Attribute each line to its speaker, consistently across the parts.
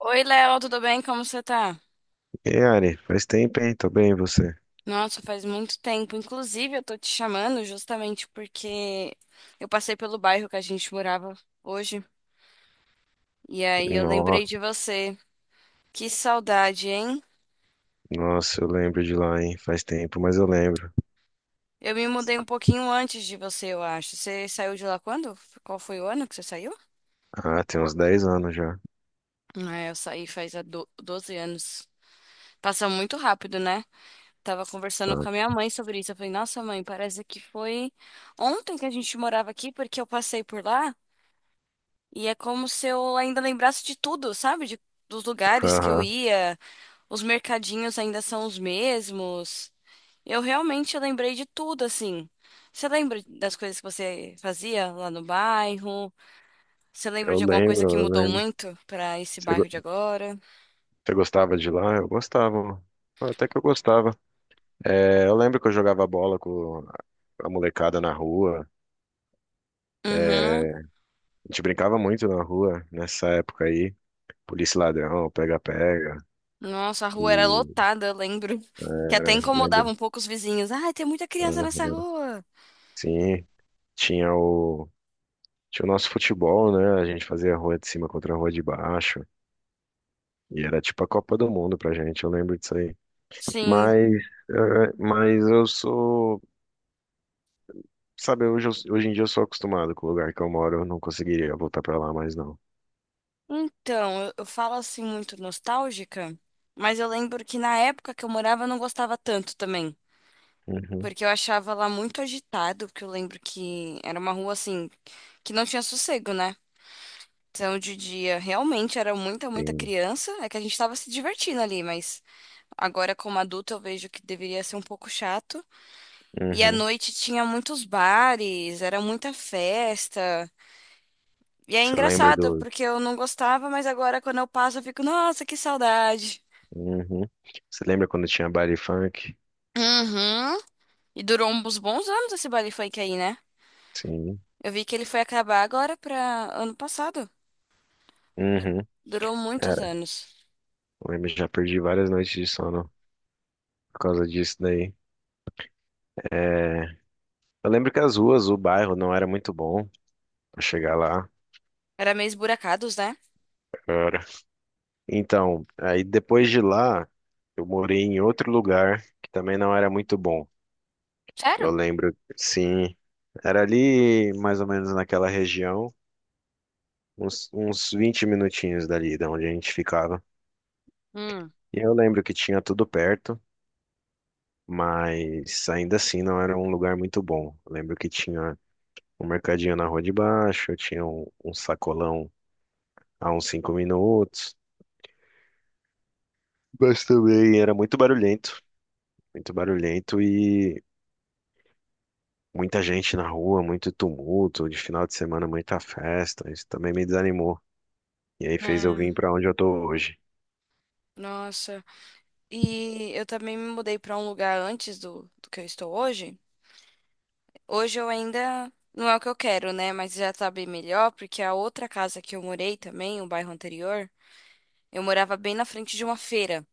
Speaker 1: Oi, Léo, tudo bem? Como você tá?
Speaker 2: E aí, Ari, faz tempo, hein? Tô bem, e você?
Speaker 1: Nossa, faz muito tempo. Inclusive, eu tô te chamando justamente porque eu passei pelo bairro que a gente morava hoje. E aí eu lembrei
Speaker 2: Nossa,
Speaker 1: de você. Que saudade, hein?
Speaker 2: nossa, eu lembro de lá, hein? Faz tempo, mas eu lembro.
Speaker 1: Eu me mudei um pouquinho antes de você, eu acho. Você saiu de lá quando? Qual foi o ano que você saiu?
Speaker 2: Ah, tem uns 10 anos já.
Speaker 1: Ah, eu saí faz 12 anos. Passa muito rápido, né? Tava conversando com a minha
Speaker 2: Nossa.
Speaker 1: mãe sobre isso. Eu falei, nossa, mãe, parece que foi ontem que a gente morava aqui, porque eu passei por lá. E é como se eu ainda lembrasse de tudo, sabe? Dos lugares que eu
Speaker 2: Aham,
Speaker 1: ia, os mercadinhos ainda são os mesmos. Eu realmente lembrei de tudo, assim. Você lembra das coisas que você fazia lá no bairro? Você lembra
Speaker 2: eu
Speaker 1: de alguma
Speaker 2: lembro,
Speaker 1: coisa que
Speaker 2: eu
Speaker 1: mudou
Speaker 2: lembro.
Speaker 1: muito pra esse
Speaker 2: Você go-
Speaker 1: bairro de agora?
Speaker 2: Você gostava de lá? Eu gostava. Até que eu gostava. É, eu lembro que eu jogava bola com a molecada na rua.
Speaker 1: Uhum.
Speaker 2: É, a gente brincava muito na rua nessa época aí. Polícia e ladrão, pega-pega.
Speaker 1: Nossa, a
Speaker 2: E
Speaker 1: rua era lotada, eu lembro. Que até
Speaker 2: era, lembra?
Speaker 1: incomodava um pouco os vizinhos. Ai, tem muita criança nessa
Speaker 2: Aham.
Speaker 1: rua.
Speaker 2: Sim, tinha o. Tinha o nosso futebol, né? A gente fazia a rua de cima contra a rua de baixo. E era tipo a Copa do Mundo pra gente, eu lembro disso aí.
Speaker 1: Sim.
Speaker 2: Mas, mas eu sou. Sabe, hoje em dia eu sou acostumado com o lugar que eu moro, eu não conseguiria voltar pra lá mais não.
Speaker 1: Então, eu falo assim muito nostálgica, mas eu lembro que na época que eu morava eu não gostava tanto também,
Speaker 2: Uhum.
Speaker 1: porque eu achava lá muito agitado, porque eu lembro que era uma rua assim que não tinha sossego, né? Então, de dia realmente era muita, muita
Speaker 2: Sim.
Speaker 1: criança, é que a gente tava se divertindo ali, mas agora como adulta eu vejo que deveria ser um pouco chato. E à
Speaker 2: Uhum.
Speaker 1: noite tinha muitos bares, era muita festa. E é
Speaker 2: Você lembra
Speaker 1: engraçado,
Speaker 2: do.
Speaker 1: porque eu não gostava, mas agora quando eu passo eu fico, nossa, que saudade.
Speaker 2: Uhum. Você lembra quando tinha baile funk?
Speaker 1: Uhum. E durou uns bons anos esse baile funk aí, né?
Speaker 2: Sim.
Speaker 1: Eu vi que ele foi acabar agora pra ano passado.
Speaker 2: Uhum.
Speaker 1: Durou muitos
Speaker 2: Era.
Speaker 1: anos.
Speaker 2: Eu lembro, já perdi várias noites de sono por causa disso daí. É, eu lembro que as ruas, o bairro não era muito bom pra chegar lá.
Speaker 1: Era meio esburacados, né?
Speaker 2: Então, aí depois de lá, eu morei em outro lugar que também não era muito bom. Eu
Speaker 1: Sério?
Speaker 2: lembro, sim, era ali mais ou menos naquela região, uns 20 minutinhos dali de onde a gente ficava.
Speaker 1: Hum.
Speaker 2: E eu lembro que tinha tudo perto, mas ainda assim não era um lugar muito bom. Eu lembro que tinha um mercadinho na rua de baixo, tinha um sacolão a uns 5 minutos, mas também era muito barulhento e muita gente na rua, muito tumulto, de final de semana muita festa. Isso também me desanimou. E aí fez eu
Speaker 1: É,
Speaker 2: vir pra onde eu tô hoje.
Speaker 1: nossa. E eu também me mudei pra um lugar antes do que eu estou hoje. Hoje eu ainda não é o que eu quero, né? Mas já tá bem melhor, porque a outra casa que eu morei também, o bairro anterior, eu morava bem na frente de uma feira.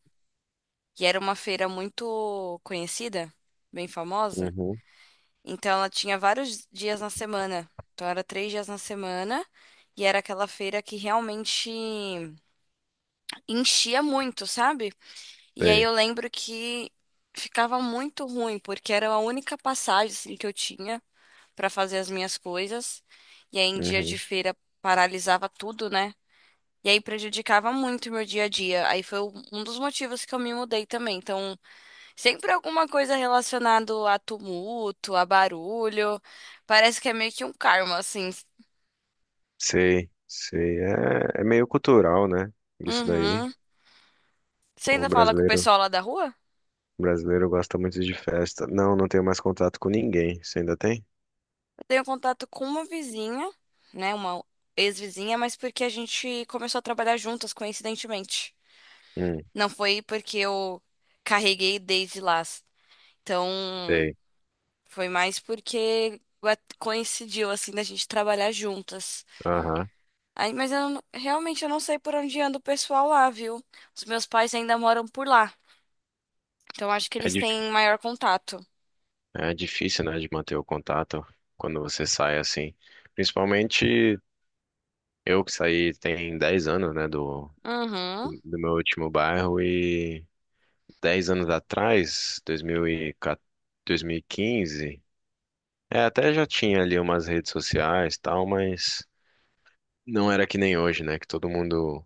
Speaker 1: E era uma feira muito conhecida, bem famosa.
Speaker 2: Uhum,
Speaker 1: Então ela tinha vários dias na semana. Então era três dias na semana. E era aquela feira que realmente enchia muito, sabe? E aí eu
Speaker 2: sei.
Speaker 1: lembro que ficava muito ruim, porque era a única passagem assim, que eu tinha pra fazer as minhas coisas. E aí em dia de
Speaker 2: Uhum,
Speaker 1: feira paralisava tudo, né? E aí prejudicava muito o meu dia a dia. Aí foi um dos motivos que eu me mudei também. Então sempre alguma coisa relacionada a tumulto, a barulho. Parece que é meio que um karma, assim.
Speaker 2: sei, sei. É, é meio cultural, né? Isso daí.
Speaker 1: Uhum. Você
Speaker 2: O
Speaker 1: ainda fala com o
Speaker 2: brasileiro,
Speaker 1: pessoal lá da rua?
Speaker 2: o brasileiro gosta muito de festa. Não, não tenho mais contato com ninguém. Você ainda tem?
Speaker 1: Eu tenho contato com uma vizinha, né? Uma ex-vizinha, mas porque a gente começou a trabalhar juntas, coincidentemente.
Speaker 2: Hum,
Speaker 1: Não foi porque eu carreguei desde lá. Então,
Speaker 2: sei.
Speaker 1: foi mais porque coincidiu, assim, da gente trabalhar juntas.
Speaker 2: Aham.
Speaker 1: Aí, mas eu não- realmente eu não sei por onde anda o pessoal lá, viu? Os meus pais ainda moram por lá. Então acho que
Speaker 2: É,
Speaker 1: eles têm maior contato.
Speaker 2: é difícil, né, de manter o contato quando você sai assim. Principalmente eu que saí tem 10 anos, né, do,
Speaker 1: Uhum.
Speaker 2: do, do meu último bairro e 10 anos atrás, 2014, 15, é, até já tinha ali umas redes sociais e tal, mas não era que nem hoje, né? Que todo mundo,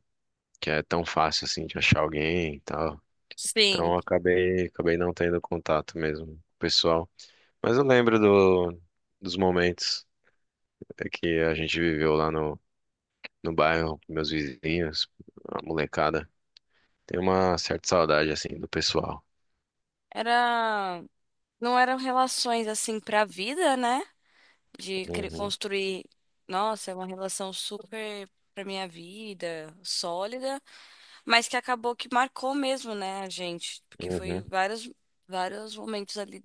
Speaker 2: que é tão fácil assim de achar alguém e tal. Então
Speaker 1: Sim.
Speaker 2: eu acabei, não tendo contato mesmo com o pessoal. Mas eu lembro dos momentos que a gente viveu lá no bairro, com meus vizinhos, a molecada. Tem uma certa saudade assim do pessoal.
Speaker 1: Era. Não eram relações assim pra vida, né? De
Speaker 2: Uhum,
Speaker 1: construir. Nossa, é uma relação super pra minha vida, sólida, mas que acabou que marcou mesmo, né, a gente? Porque foi
Speaker 2: uhum.
Speaker 1: vários, vários momentos ali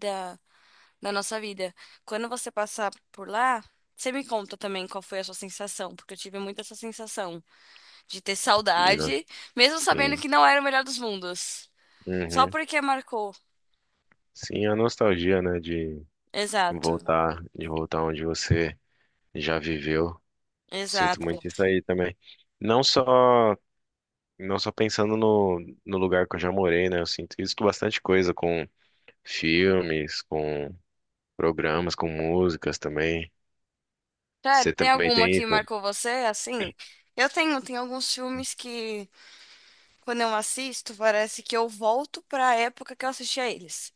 Speaker 1: na nossa vida. Quando você passar por lá, você me conta também qual foi a sua sensação, porque eu tive muito essa sensação de ter
Speaker 2: De no-
Speaker 1: saudade, mesmo sabendo
Speaker 2: Sim.
Speaker 1: que não era o melhor dos mundos. Só
Speaker 2: Uhum.
Speaker 1: porque marcou.
Speaker 2: Sim, a nostalgia, né, de
Speaker 1: Exato,
Speaker 2: voltar, de voltar onde você já viveu. Sinto
Speaker 1: exato.
Speaker 2: muito isso aí também. Não só, não só pensando no lugar que eu já morei, né? Eu sinto isso com bastante coisa, com filmes, com programas, com músicas também.
Speaker 1: Sério,
Speaker 2: Você
Speaker 1: tem
Speaker 2: também
Speaker 1: alguma
Speaker 2: tem
Speaker 1: que
Speaker 2: isso?
Speaker 1: marcou você assim? Eu tenho, tem alguns filmes que, quando eu assisto, parece que eu volto para a época que eu assistia eles.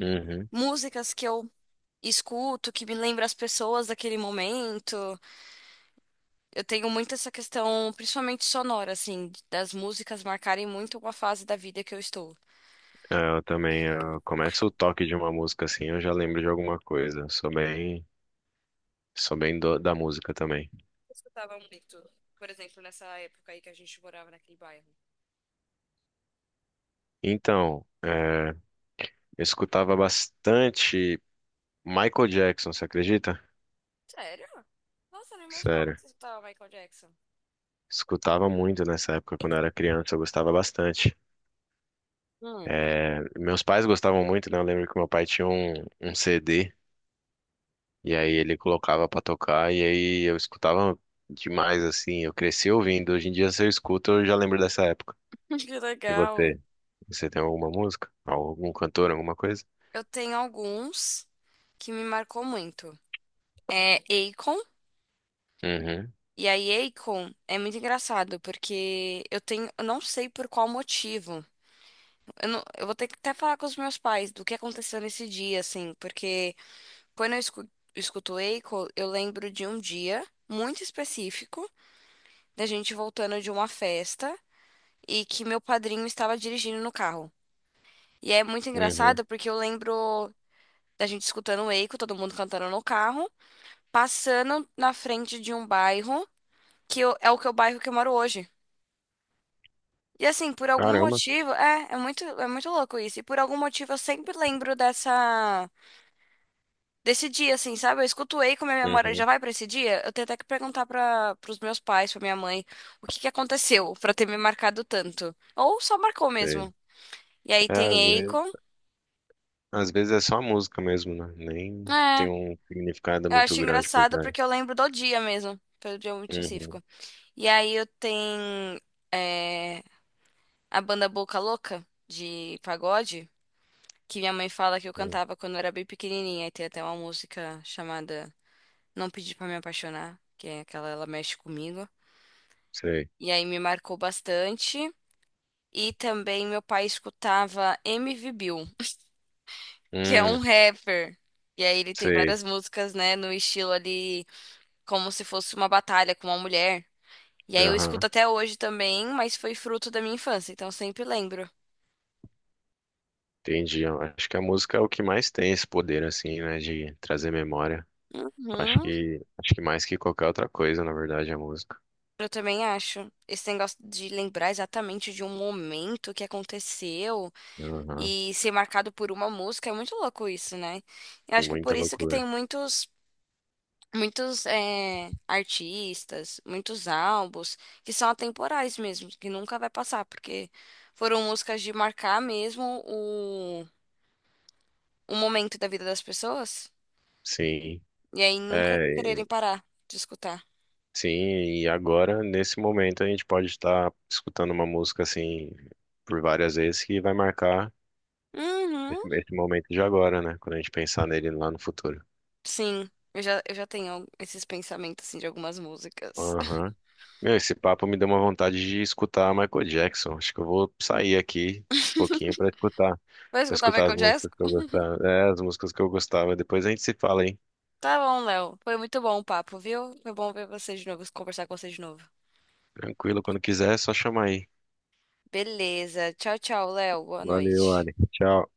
Speaker 2: Uhum.
Speaker 1: Músicas que eu escuto, que me lembra as pessoas daquele momento. Eu tenho muito essa questão, principalmente sonora, assim, das músicas marcarem muito uma fase da vida que eu estou.
Speaker 2: É, eu também, eu começo o toque de uma música assim, eu já lembro de alguma coisa. Sou bem da música também.
Speaker 1: Eu escutava muito, por exemplo, nessa época aí que a gente morava naquele bairro.
Speaker 2: Então, eu escutava bastante Michael Jackson, você acredita?
Speaker 1: Sério? Nossa, eu não imaginava
Speaker 2: Sério.
Speaker 1: que você escutava Michael Jackson.
Speaker 2: Escutava muito nessa época, quando eu era criança, eu gostava bastante.
Speaker 1: Hum.
Speaker 2: É, meus pais gostavam muito, né? Eu lembro que meu pai tinha um CD, e aí ele colocava pra tocar, e aí eu escutava demais, assim. Eu cresci ouvindo. Hoje em dia, se eu escuto, eu já lembro dessa época.
Speaker 1: Que
Speaker 2: E
Speaker 1: legal.
Speaker 2: você? Você tem alguma música? Algum cantor, alguma coisa?
Speaker 1: Eu tenho alguns que me marcou muito. É Akon.
Speaker 2: Uhum,
Speaker 1: E aí, Akon é muito engraçado, porque eu tenho, eu não sei por qual motivo. Eu, não- eu vou ter que até falar com os meus pais do que aconteceu nesse dia, assim, porque quando eu escuto Eiko, eu lembro de um dia muito específico da gente voltando de uma festa e que meu padrinho estava dirigindo no carro. E é muito
Speaker 2: uhum.
Speaker 1: engraçado porque eu lembro da gente escutando Eiko, todo mundo cantando no carro, passando na frente de um bairro é o que é o bairro que eu moro hoje. E assim, por algum
Speaker 2: Caramba.
Speaker 1: motivo, é, é muito louco isso. E por algum motivo eu sempre lembro dessa desse dia, assim, sabe? Eu escuto Ei como a minha memória já
Speaker 2: Uhum.
Speaker 1: vai pra esse dia. Eu tenho até que perguntar para os meus pais, pra minha mãe, o que que aconteceu pra ter me marcado tanto. Ou só marcou
Speaker 2: Sei.
Speaker 1: mesmo. E aí
Speaker 2: É, às
Speaker 1: tem
Speaker 2: vezes.
Speaker 1: Akon.
Speaker 2: Às vezes é só a música mesmo, né? Nem tem
Speaker 1: É,
Speaker 2: um significado
Speaker 1: eu
Speaker 2: muito
Speaker 1: acho
Speaker 2: grande por
Speaker 1: engraçado
Speaker 2: trás.
Speaker 1: porque eu lembro do dia mesmo, pelo dia muito
Speaker 2: Uhum,
Speaker 1: específico. E aí eu tenho é, a banda Boca Louca de pagode, que minha mãe fala que eu
Speaker 2: uhum,
Speaker 1: cantava quando eu era bem pequenininha. E tem até uma música chamada Não Pedi Pra Me Apaixonar, que é aquela, ela mexe comigo.
Speaker 2: sei.
Speaker 1: E aí me marcou bastante. E também meu pai escutava MV Bill, que é
Speaker 2: Hum,
Speaker 1: um rapper. E aí ele tem
Speaker 2: sei.
Speaker 1: várias músicas, né, no estilo ali, como se fosse uma batalha com uma mulher. E aí eu escuto
Speaker 2: Aham,
Speaker 1: até hoje também, mas foi fruto da minha infância, então eu sempre lembro.
Speaker 2: entendi. Eu acho que a música é o que mais tem esse poder, assim, né? De trazer memória. Acho
Speaker 1: Uhum,
Speaker 2: que, acho que mais que qualquer outra coisa, na verdade, é a música.
Speaker 1: eu também acho. Esse negócio de lembrar exatamente de um momento que aconteceu
Speaker 2: Aham,
Speaker 1: e ser marcado por uma música é muito louco isso, né? Eu acho que é
Speaker 2: muita
Speaker 1: por isso que
Speaker 2: loucura.
Speaker 1: tem muitos artistas, muitos álbuns que são atemporais mesmo, que nunca vai passar, porque foram músicas de marcar mesmo o momento da vida das pessoas
Speaker 2: Sim.
Speaker 1: e aí nunca
Speaker 2: É,
Speaker 1: quererem parar de escutar.
Speaker 2: sim, e agora, nesse momento, a gente pode estar escutando uma música, assim, por várias vezes que vai marcar
Speaker 1: Uhum.
Speaker 2: esse momento de agora, né? Quando a gente pensar nele lá no futuro.
Speaker 1: Sim, eu já tenho esses pensamentos assim de algumas músicas.
Speaker 2: Aham. Meu, esse papo me deu uma vontade de escutar Michael Jackson. Acho que eu vou sair aqui um pouquinho pra escutar,
Speaker 1: Vai
Speaker 2: para
Speaker 1: escutar
Speaker 2: escutar as
Speaker 1: Michael Jackson?
Speaker 2: músicas que eu gostava. É, as músicas que eu gostava. Depois a gente se fala, hein?
Speaker 1: Tá bom, Léo. Foi muito bom o papo, viu? Foi bom ver você de novo, conversar com você de novo.
Speaker 2: Tranquilo, quando quiser, é só chamar aí.
Speaker 1: Beleza. Tchau, tchau, Léo. Boa
Speaker 2: Valeu,
Speaker 1: noite.
Speaker 2: Ali. Tchau.